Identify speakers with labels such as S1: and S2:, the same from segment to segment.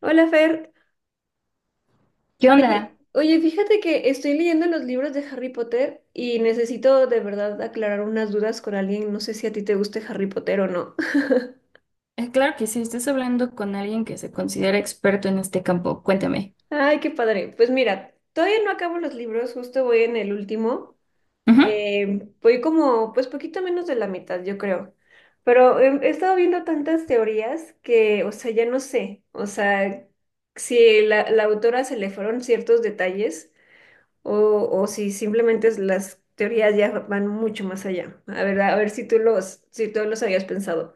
S1: Hola Fer,
S2: ¿Qué onda?
S1: oye, fíjate que estoy leyendo los libros de Harry Potter y necesito de verdad aclarar unas dudas con alguien. No sé si a ti te guste Harry Potter o no.
S2: Claro que sí, estás hablando con alguien que se considera experto en este campo. Cuéntame.
S1: Ay, qué padre. Pues mira, todavía no acabo los libros, justo voy en el último.
S2: Ujú.
S1: Voy como, pues poquito menos de la mitad, yo creo. Pero he estado viendo tantas teorías que, o sea, ya no sé. O sea, si la autora se le fueron ciertos detalles. O si simplemente las teorías ya van mucho más allá. A ver si si tú los habías pensado.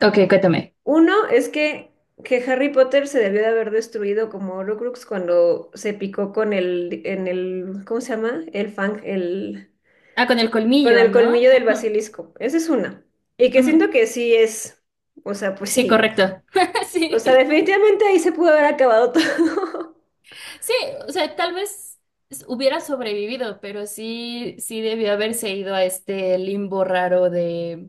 S2: Ok, cuéntame.
S1: Uno es que Harry Potter se debió de haber destruido como Horcrux cuando se picó con en el, ¿cómo se llama? El fang, el,
S2: Ah, con el
S1: con
S2: colmillo,
S1: el
S2: ¿no?
S1: colmillo del
S2: Ajá.
S1: basilisco. Esa es una. Y que
S2: Ujú.
S1: siento que sí es, o sea, pues
S2: Sí,
S1: sí.
S2: correcto.
S1: O sea,
S2: Sí,
S1: definitivamente ahí se pudo haber acabado todo.
S2: sí, o sea, tal vez hubiera sobrevivido, pero sí, sí debió haberse ido a este limbo raro de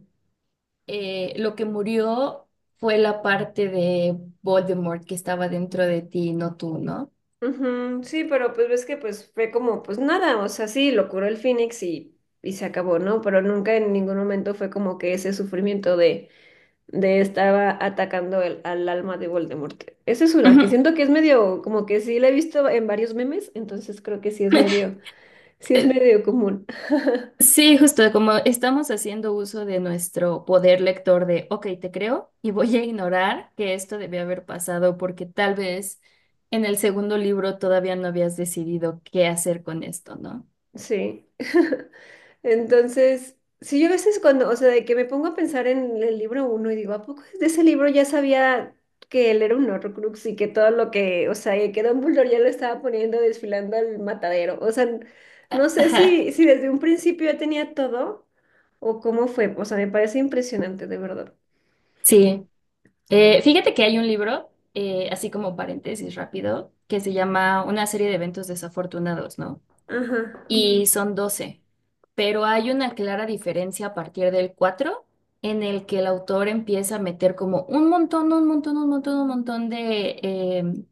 S2: lo que murió fue la parte de Voldemort que estaba dentro de ti, no tú, ¿no?
S1: Ujú. Sí, pero pues ves que pues fue como, pues nada, o sea, sí, lo curó el Fénix y se acabó, ¿no? Pero nunca en ningún momento fue como que ese sufrimiento de estaba atacando al alma de Voldemort. Esa es una que
S2: Ujú.
S1: siento que es medio, como que sí la he visto en varios memes, entonces creo que sí es medio común.
S2: Sí, justo como estamos haciendo uso de nuestro poder lector de, ok, te creo y voy a ignorar que esto debió haber pasado porque tal vez en el segundo libro todavía no habías decidido qué hacer con esto, ¿no?
S1: Sí. Entonces, sí, yo a veces cuando, o sea, de que me pongo a pensar en el libro uno y digo, ¿a poco de ese libro ya sabía que él era un Horrocrux y que todo lo que, o sea, y que Dumbledore ya lo estaba poniendo desfilando al matadero? O sea, no sé
S2: Ajá,
S1: si desde un principio ya tenía todo o cómo fue. O sea, me parece impresionante, de verdad.
S2: sí. Fíjate que hay un libro, así como paréntesis rápido, que se llama Una serie de eventos desafortunados, ¿no?
S1: Ajá.
S2: Y son 12. Pero hay una clara diferencia a partir del 4 en el que el autor empieza a meter como un montón, un montón, un montón, un montón de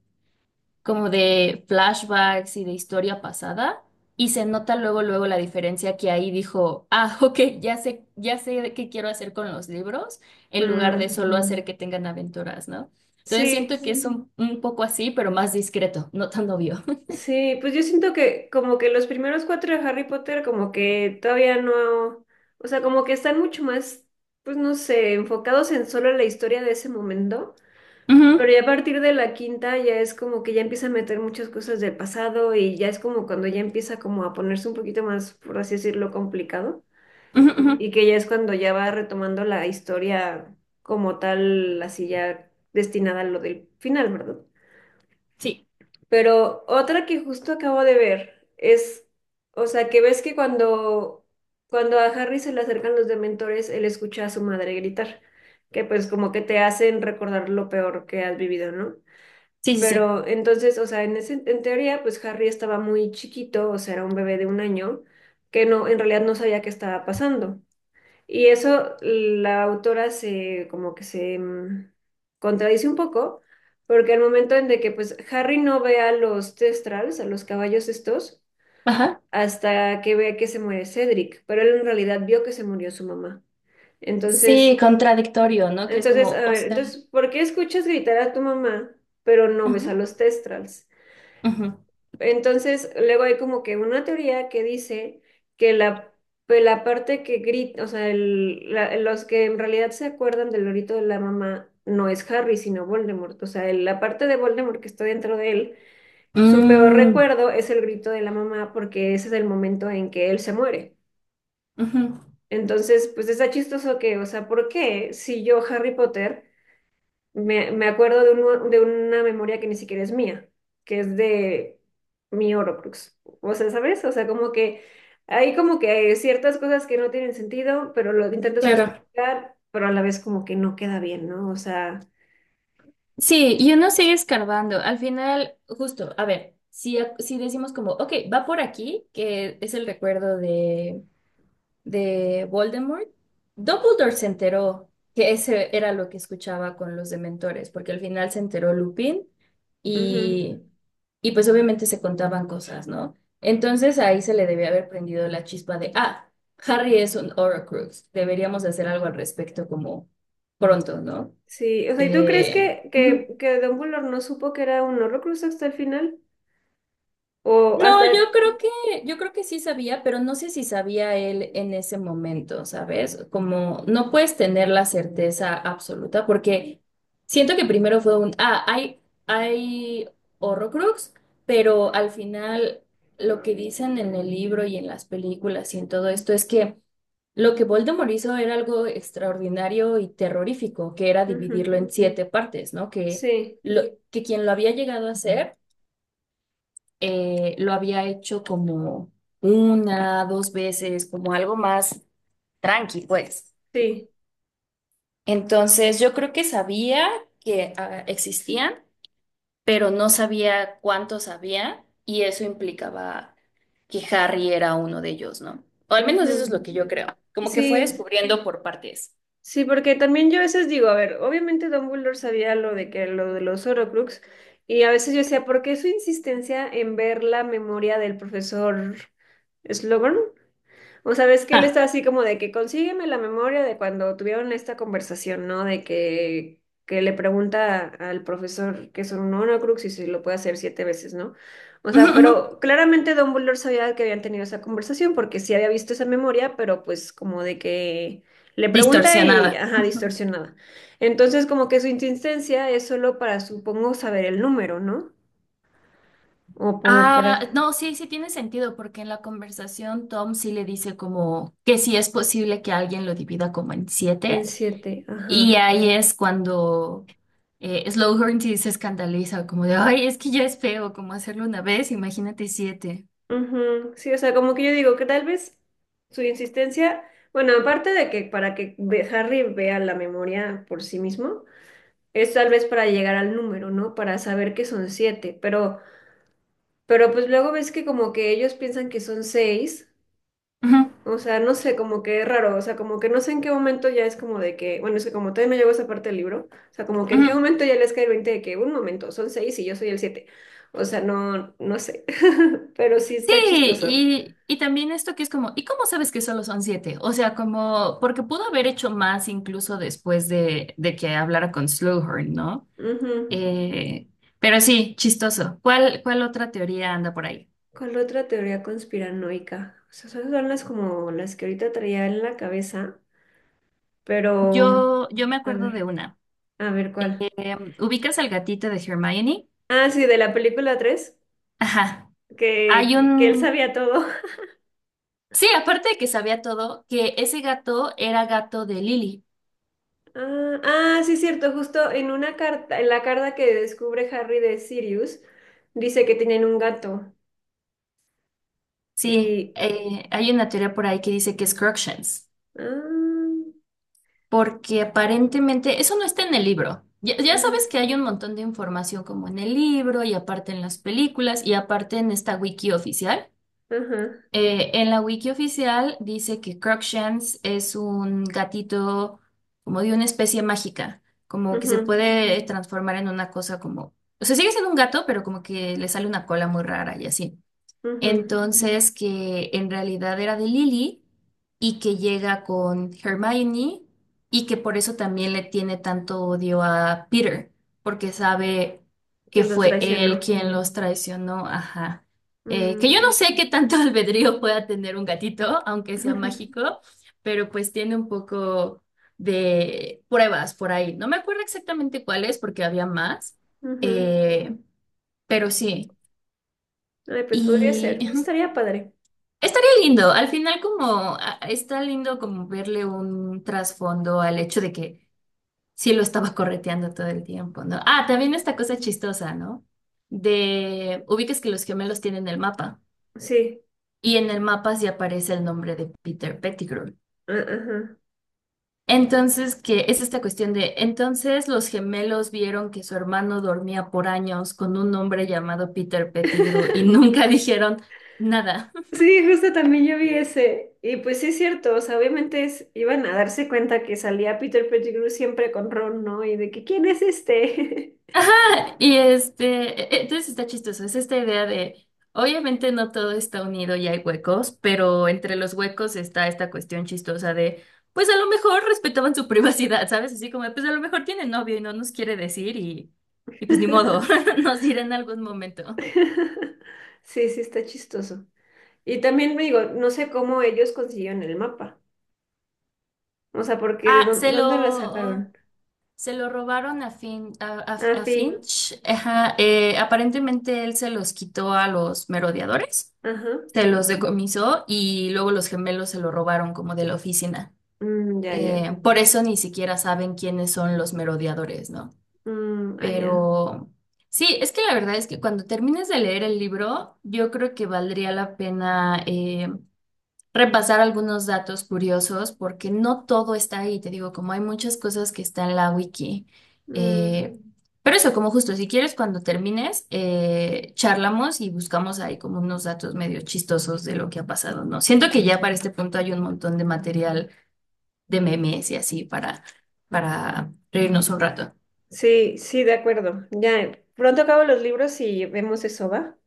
S2: como de flashbacks y de historia pasada. Y se nota luego, luego la diferencia que ahí dijo, ah, ok, ya sé qué quiero hacer con los libros, en lugar de
S1: Mm.
S2: solo, ujú, hacer que tengan aventuras, ¿no? Entonces siento
S1: Sí.
S2: que es, sí, un poco así, pero más discreto, no tan obvio.
S1: Sí, pues yo siento que como que los primeros cuatro de Harry Potter como que todavía no, o sea, como que están mucho más, pues no sé, enfocados en solo la historia de ese momento,
S2: Ujú,
S1: pero ya a partir de la quinta ya es como que ya empieza a meter muchas cosas del pasado y ya es como cuando ya empieza como a ponerse un poquito más, por así decirlo, complicado
S2: ujú, ujú.
S1: y que ya es cuando ya va retomando la historia como tal, así ya destinada a lo del final, ¿verdad?
S2: Sí,
S1: Pero otra que justo acabo de ver es, o sea, que ves que cuando, cuando a Harry se le acercan los dementores, él escucha a su madre gritar, que pues como que te hacen recordar lo peor que has vivido, ¿no?
S2: sí, sí, sí.
S1: Pero entonces, o sea, en ese, en teoría, pues Harry estaba muy chiquito, o sea, era un bebé de un año, que no, en realidad no sabía qué estaba pasando. Y eso la autora se como que se, contradice un poco, porque al momento en de que pues Harry no ve a los Testrals, a los caballos estos,
S2: Ajá.
S1: hasta que ve que se muere Cedric, pero él en realidad vio que se murió su mamá.
S2: Sí,
S1: Entonces,
S2: contradictorio, ¿no? Que es
S1: entonces,
S2: como,
S1: a
S2: o
S1: ver,
S2: sea,
S1: entonces, ¿por qué escuchas gritar a tu mamá, pero no ves a
S2: ujú,
S1: los Testrals?
S2: ujú.
S1: Entonces, luego hay como que una teoría que dice que la, pues, la parte que grita, o sea, los que en realidad se acuerdan del lorito de la mamá no es Harry, sino Voldemort. O sea, la parte de Voldemort que está dentro de él, su peor
S2: Mm,
S1: recuerdo es el grito de la mamá porque ese es el momento en que él se muere.
S2: ujú,
S1: Entonces, pues está chistoso que, o sea, ¿por qué si yo, Harry Potter... Me acuerdo de, de una memoria que ni siquiera es mía, que es de mi Horrocrux. O sea, ¿sabes? O sea, como que hay como que ciertas cosas que no tienen sentido, pero lo intentas
S2: claro.
S1: justificar, pero a la vez como que no queda bien, ¿no? O sea,
S2: Sí, y uno sigue escarbando. Al final, justo, a ver, si decimos como, ok, va por aquí, que es el recuerdo de Voldemort, Dumbledore se enteró que ese era lo que escuchaba con los dementores, porque al final se enteró Lupin
S1: ujú.
S2: y, y pues obviamente se contaban cosas, ¿no? Entonces ahí se le debía haber prendido la chispa de, ah, Harry es un Horcrux, deberíamos hacer algo al respecto como pronto, ¿no?
S1: Sí, o sea, ¿y tú crees que,
S2: Ujú.
S1: Dumbledore no supo que era un Horrocrux hasta el final? O
S2: No,
S1: hasta...
S2: yo creo que sí sabía, pero no sé si sabía él en ese momento, ¿sabes? Como no puedes tener la certeza absoluta, porque siento que primero fue un, ah, hay Horrocrux, pero al final lo que dicen en el libro y en las películas y en todo esto es que lo que Voldemort hizo era algo extraordinario y terrorífico, que era
S1: ujú.
S2: dividirlo en siete partes, ¿no?
S1: Sí,
S2: Lo, que quien lo había llegado a hacer, lo había hecho como una, dos veces, como algo más tranqui, pues.
S1: sí.
S2: Entonces, yo creo que sabía que existían, pero no sabía cuántos había, y eso implicaba que Harry era uno de ellos, ¿no? O al menos eso es
S1: Ujú.
S2: lo que yo creo. Como que fue
S1: Sí.
S2: descubriendo por partes.
S1: Sí, porque también yo a veces digo, a ver, obviamente Dumbledore sabía lo de que lo de los Horcrux y a veces yo decía, ¿por qué su insistencia en ver la memoria del profesor Slughorn? O sea, ves que él
S2: Ah,
S1: está así como de que consígueme la memoria de cuando tuvieron esta conversación, ¿no? De que le pregunta al profesor que son un Horcrux y si lo puede hacer siete veces, ¿no? O
S2: ujú,
S1: sea,
S2: ujú.
S1: pero claramente Dumbledore sabía que habían tenido esa conversación porque sí había visto esa memoria, pero pues como de que le pregunta y,
S2: Distorsionada.
S1: ajá, distorsionada. Entonces como que su insistencia es solo para, supongo, saber el número, ¿no? O como para...
S2: Ah, no, sí, sí tiene sentido, porque en la conversación Tom sí le dice como que sí es posible que alguien lo divida como en
S1: En
S2: siete,
S1: siete,
S2: y
S1: ajá.
S2: ahí es cuando Slughorn sí se escandaliza, como de, ay, es que ya es feo, como hacerlo una vez, imagínate siete.
S1: Ujú. Sí, o sea, como que yo digo que tal vez su insistencia, bueno, aparte de que para que Harry vea la memoria por sí mismo, es tal vez para llegar al número, ¿no? Para saber que son siete, pero pues luego ves que como que ellos piensan que son seis,
S2: Ujú,
S1: o sea, no sé, como que es raro, o sea, como que no sé en qué momento ya es como de que, bueno, es que como todavía no llegó esa parte del libro, o sea, como que en
S2: ujú.
S1: qué momento ya les cae el 20 de que un momento, son seis y yo soy el siete, o sea, no sé, pero sí
S2: Sí,
S1: está chistoso.
S2: y también esto que es como, ¿y cómo sabes que solo son siete? O sea, como, porque pudo haber hecho más incluso después de, que hablara con Slughorn, ¿no?
S1: Ujú.
S2: Eh, pero sí, chistoso. ¿Cuál otra teoría anda por ahí?
S1: ¿Cuál otra teoría conspiranoica? O sea, esas son las como las que ahorita traía en la cabeza, pero
S2: Yo me
S1: a
S2: acuerdo de
S1: ver,
S2: una.
S1: a ver cuál.
S2: ¿Ubicas al gatito de Hermione?
S1: Ah, sí, de la película 3,
S2: Ajá.
S1: que,
S2: Hay
S1: que él
S2: un...
S1: sabía todo.
S2: Sí, aparte de que sabía todo, que ese gato era gato de Lily.
S1: Ah, ah, sí, cierto, justo en una carta, en la carta que descubre Harry de Sirius, dice que tienen un gato.
S2: Sí,
S1: Y
S2: hay una teoría por ahí que dice que es Crookshanks,
S1: ah,
S2: porque aparentemente eso no está en el libro. Ya, ya
S1: ajá,
S2: sabes que hay un montón de información como en el libro y aparte en las películas y aparte en esta wiki oficial.
S1: ajá,
S2: En la wiki oficial dice que Crookshanks es un gatito como de una especie mágica, como que se
S1: ujú,
S2: puede transformar en una cosa como... O sea, sigue siendo un gato, pero como que le sale una cola muy rara y así.
S1: ujú,
S2: Entonces, que en realidad era de Lily y que llega con Hermione y que por eso también le tiene tanto odio a Peter, porque sabe
S1: que
S2: que
S1: los
S2: fue él
S1: traicionó.
S2: quien los traicionó. Ajá. Que
S1: Mm.
S2: yo no sé qué tanto albedrío pueda tener un gatito, aunque sea mágico, pero pues tiene un poco de pruebas por ahí. No me acuerdo exactamente cuáles, porque había más,
S1: Ujú.
S2: eh, pero sí.
S1: Ay, pues podría
S2: Y,
S1: ser. Estaría padre.
S2: estaría lindo, al final como está lindo como verle un trasfondo al hecho de que sí lo estaba correteando todo el tiempo, ¿no? Ah, también esta cosa chistosa, ¿no? De ubicas que los gemelos tienen el mapa
S1: Sí.
S2: y en el mapa sí aparece el nombre de Peter Pettigrew.
S1: Ah, ajá.
S2: Entonces, que es esta cuestión de, entonces los gemelos vieron que su hermano dormía por años con un hombre llamado Peter Pettigrew y nunca dijeron nada.
S1: Sí, justo también yo vi ese. Y pues sí es cierto, o sea, obviamente iban a darse cuenta que salía Peter Pettigrew siempre con Ron, ¿no? Y de que, ¿quién es este?
S2: Y entonces está chistoso, es esta idea de, obviamente no todo está unido y hay huecos, pero entre los huecos está esta cuestión chistosa de, pues a lo mejor respetaban su privacidad, ¿sabes? Así como, pues a lo mejor tiene novio y no nos quiere decir y pues ni modo, nos dirá en algún momento.
S1: Sí, sí, está chistoso. Y también me digo, no sé cómo ellos consiguieron el mapa. O sea, porque ¿de
S2: Ah,
S1: dónde,
S2: se
S1: dónde la
S2: lo,
S1: sacaron?
S2: se lo robaron a, Fin, a,
S1: Ah,
S2: a- a
S1: fin.
S2: Finch, ajá, aparentemente él se los quitó a los merodeadores.
S1: Ajá.
S2: Se los decomisó y luego los gemelos se lo robaron como de la oficina.
S1: Mm, ya, ya.
S2: Por eso ni siquiera saben quiénes son los merodeadores, ¿no?
S1: Mm, ah, ya.
S2: Pero sí, es que la verdad es que cuando termines de leer el libro, yo creo que valdría la pena, repasar algunos datos curiosos porque no todo está ahí, te digo, como hay muchas cosas que está en la wiki.
S1: Mm.
S2: Eh, pero eso, como justo, si quieres, cuando termines, charlamos y buscamos ahí como unos datos medio chistosos de lo que ha pasado, ¿no? Siento que ya para este punto hay un montón de material de memes y así para reírnos un rato.
S1: Sí, sí, de acuerdo. Ya, pronto acabo los libros y vemos eso, ¿va?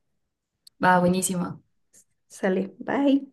S2: Va, buenísimo.
S1: Sale, bye.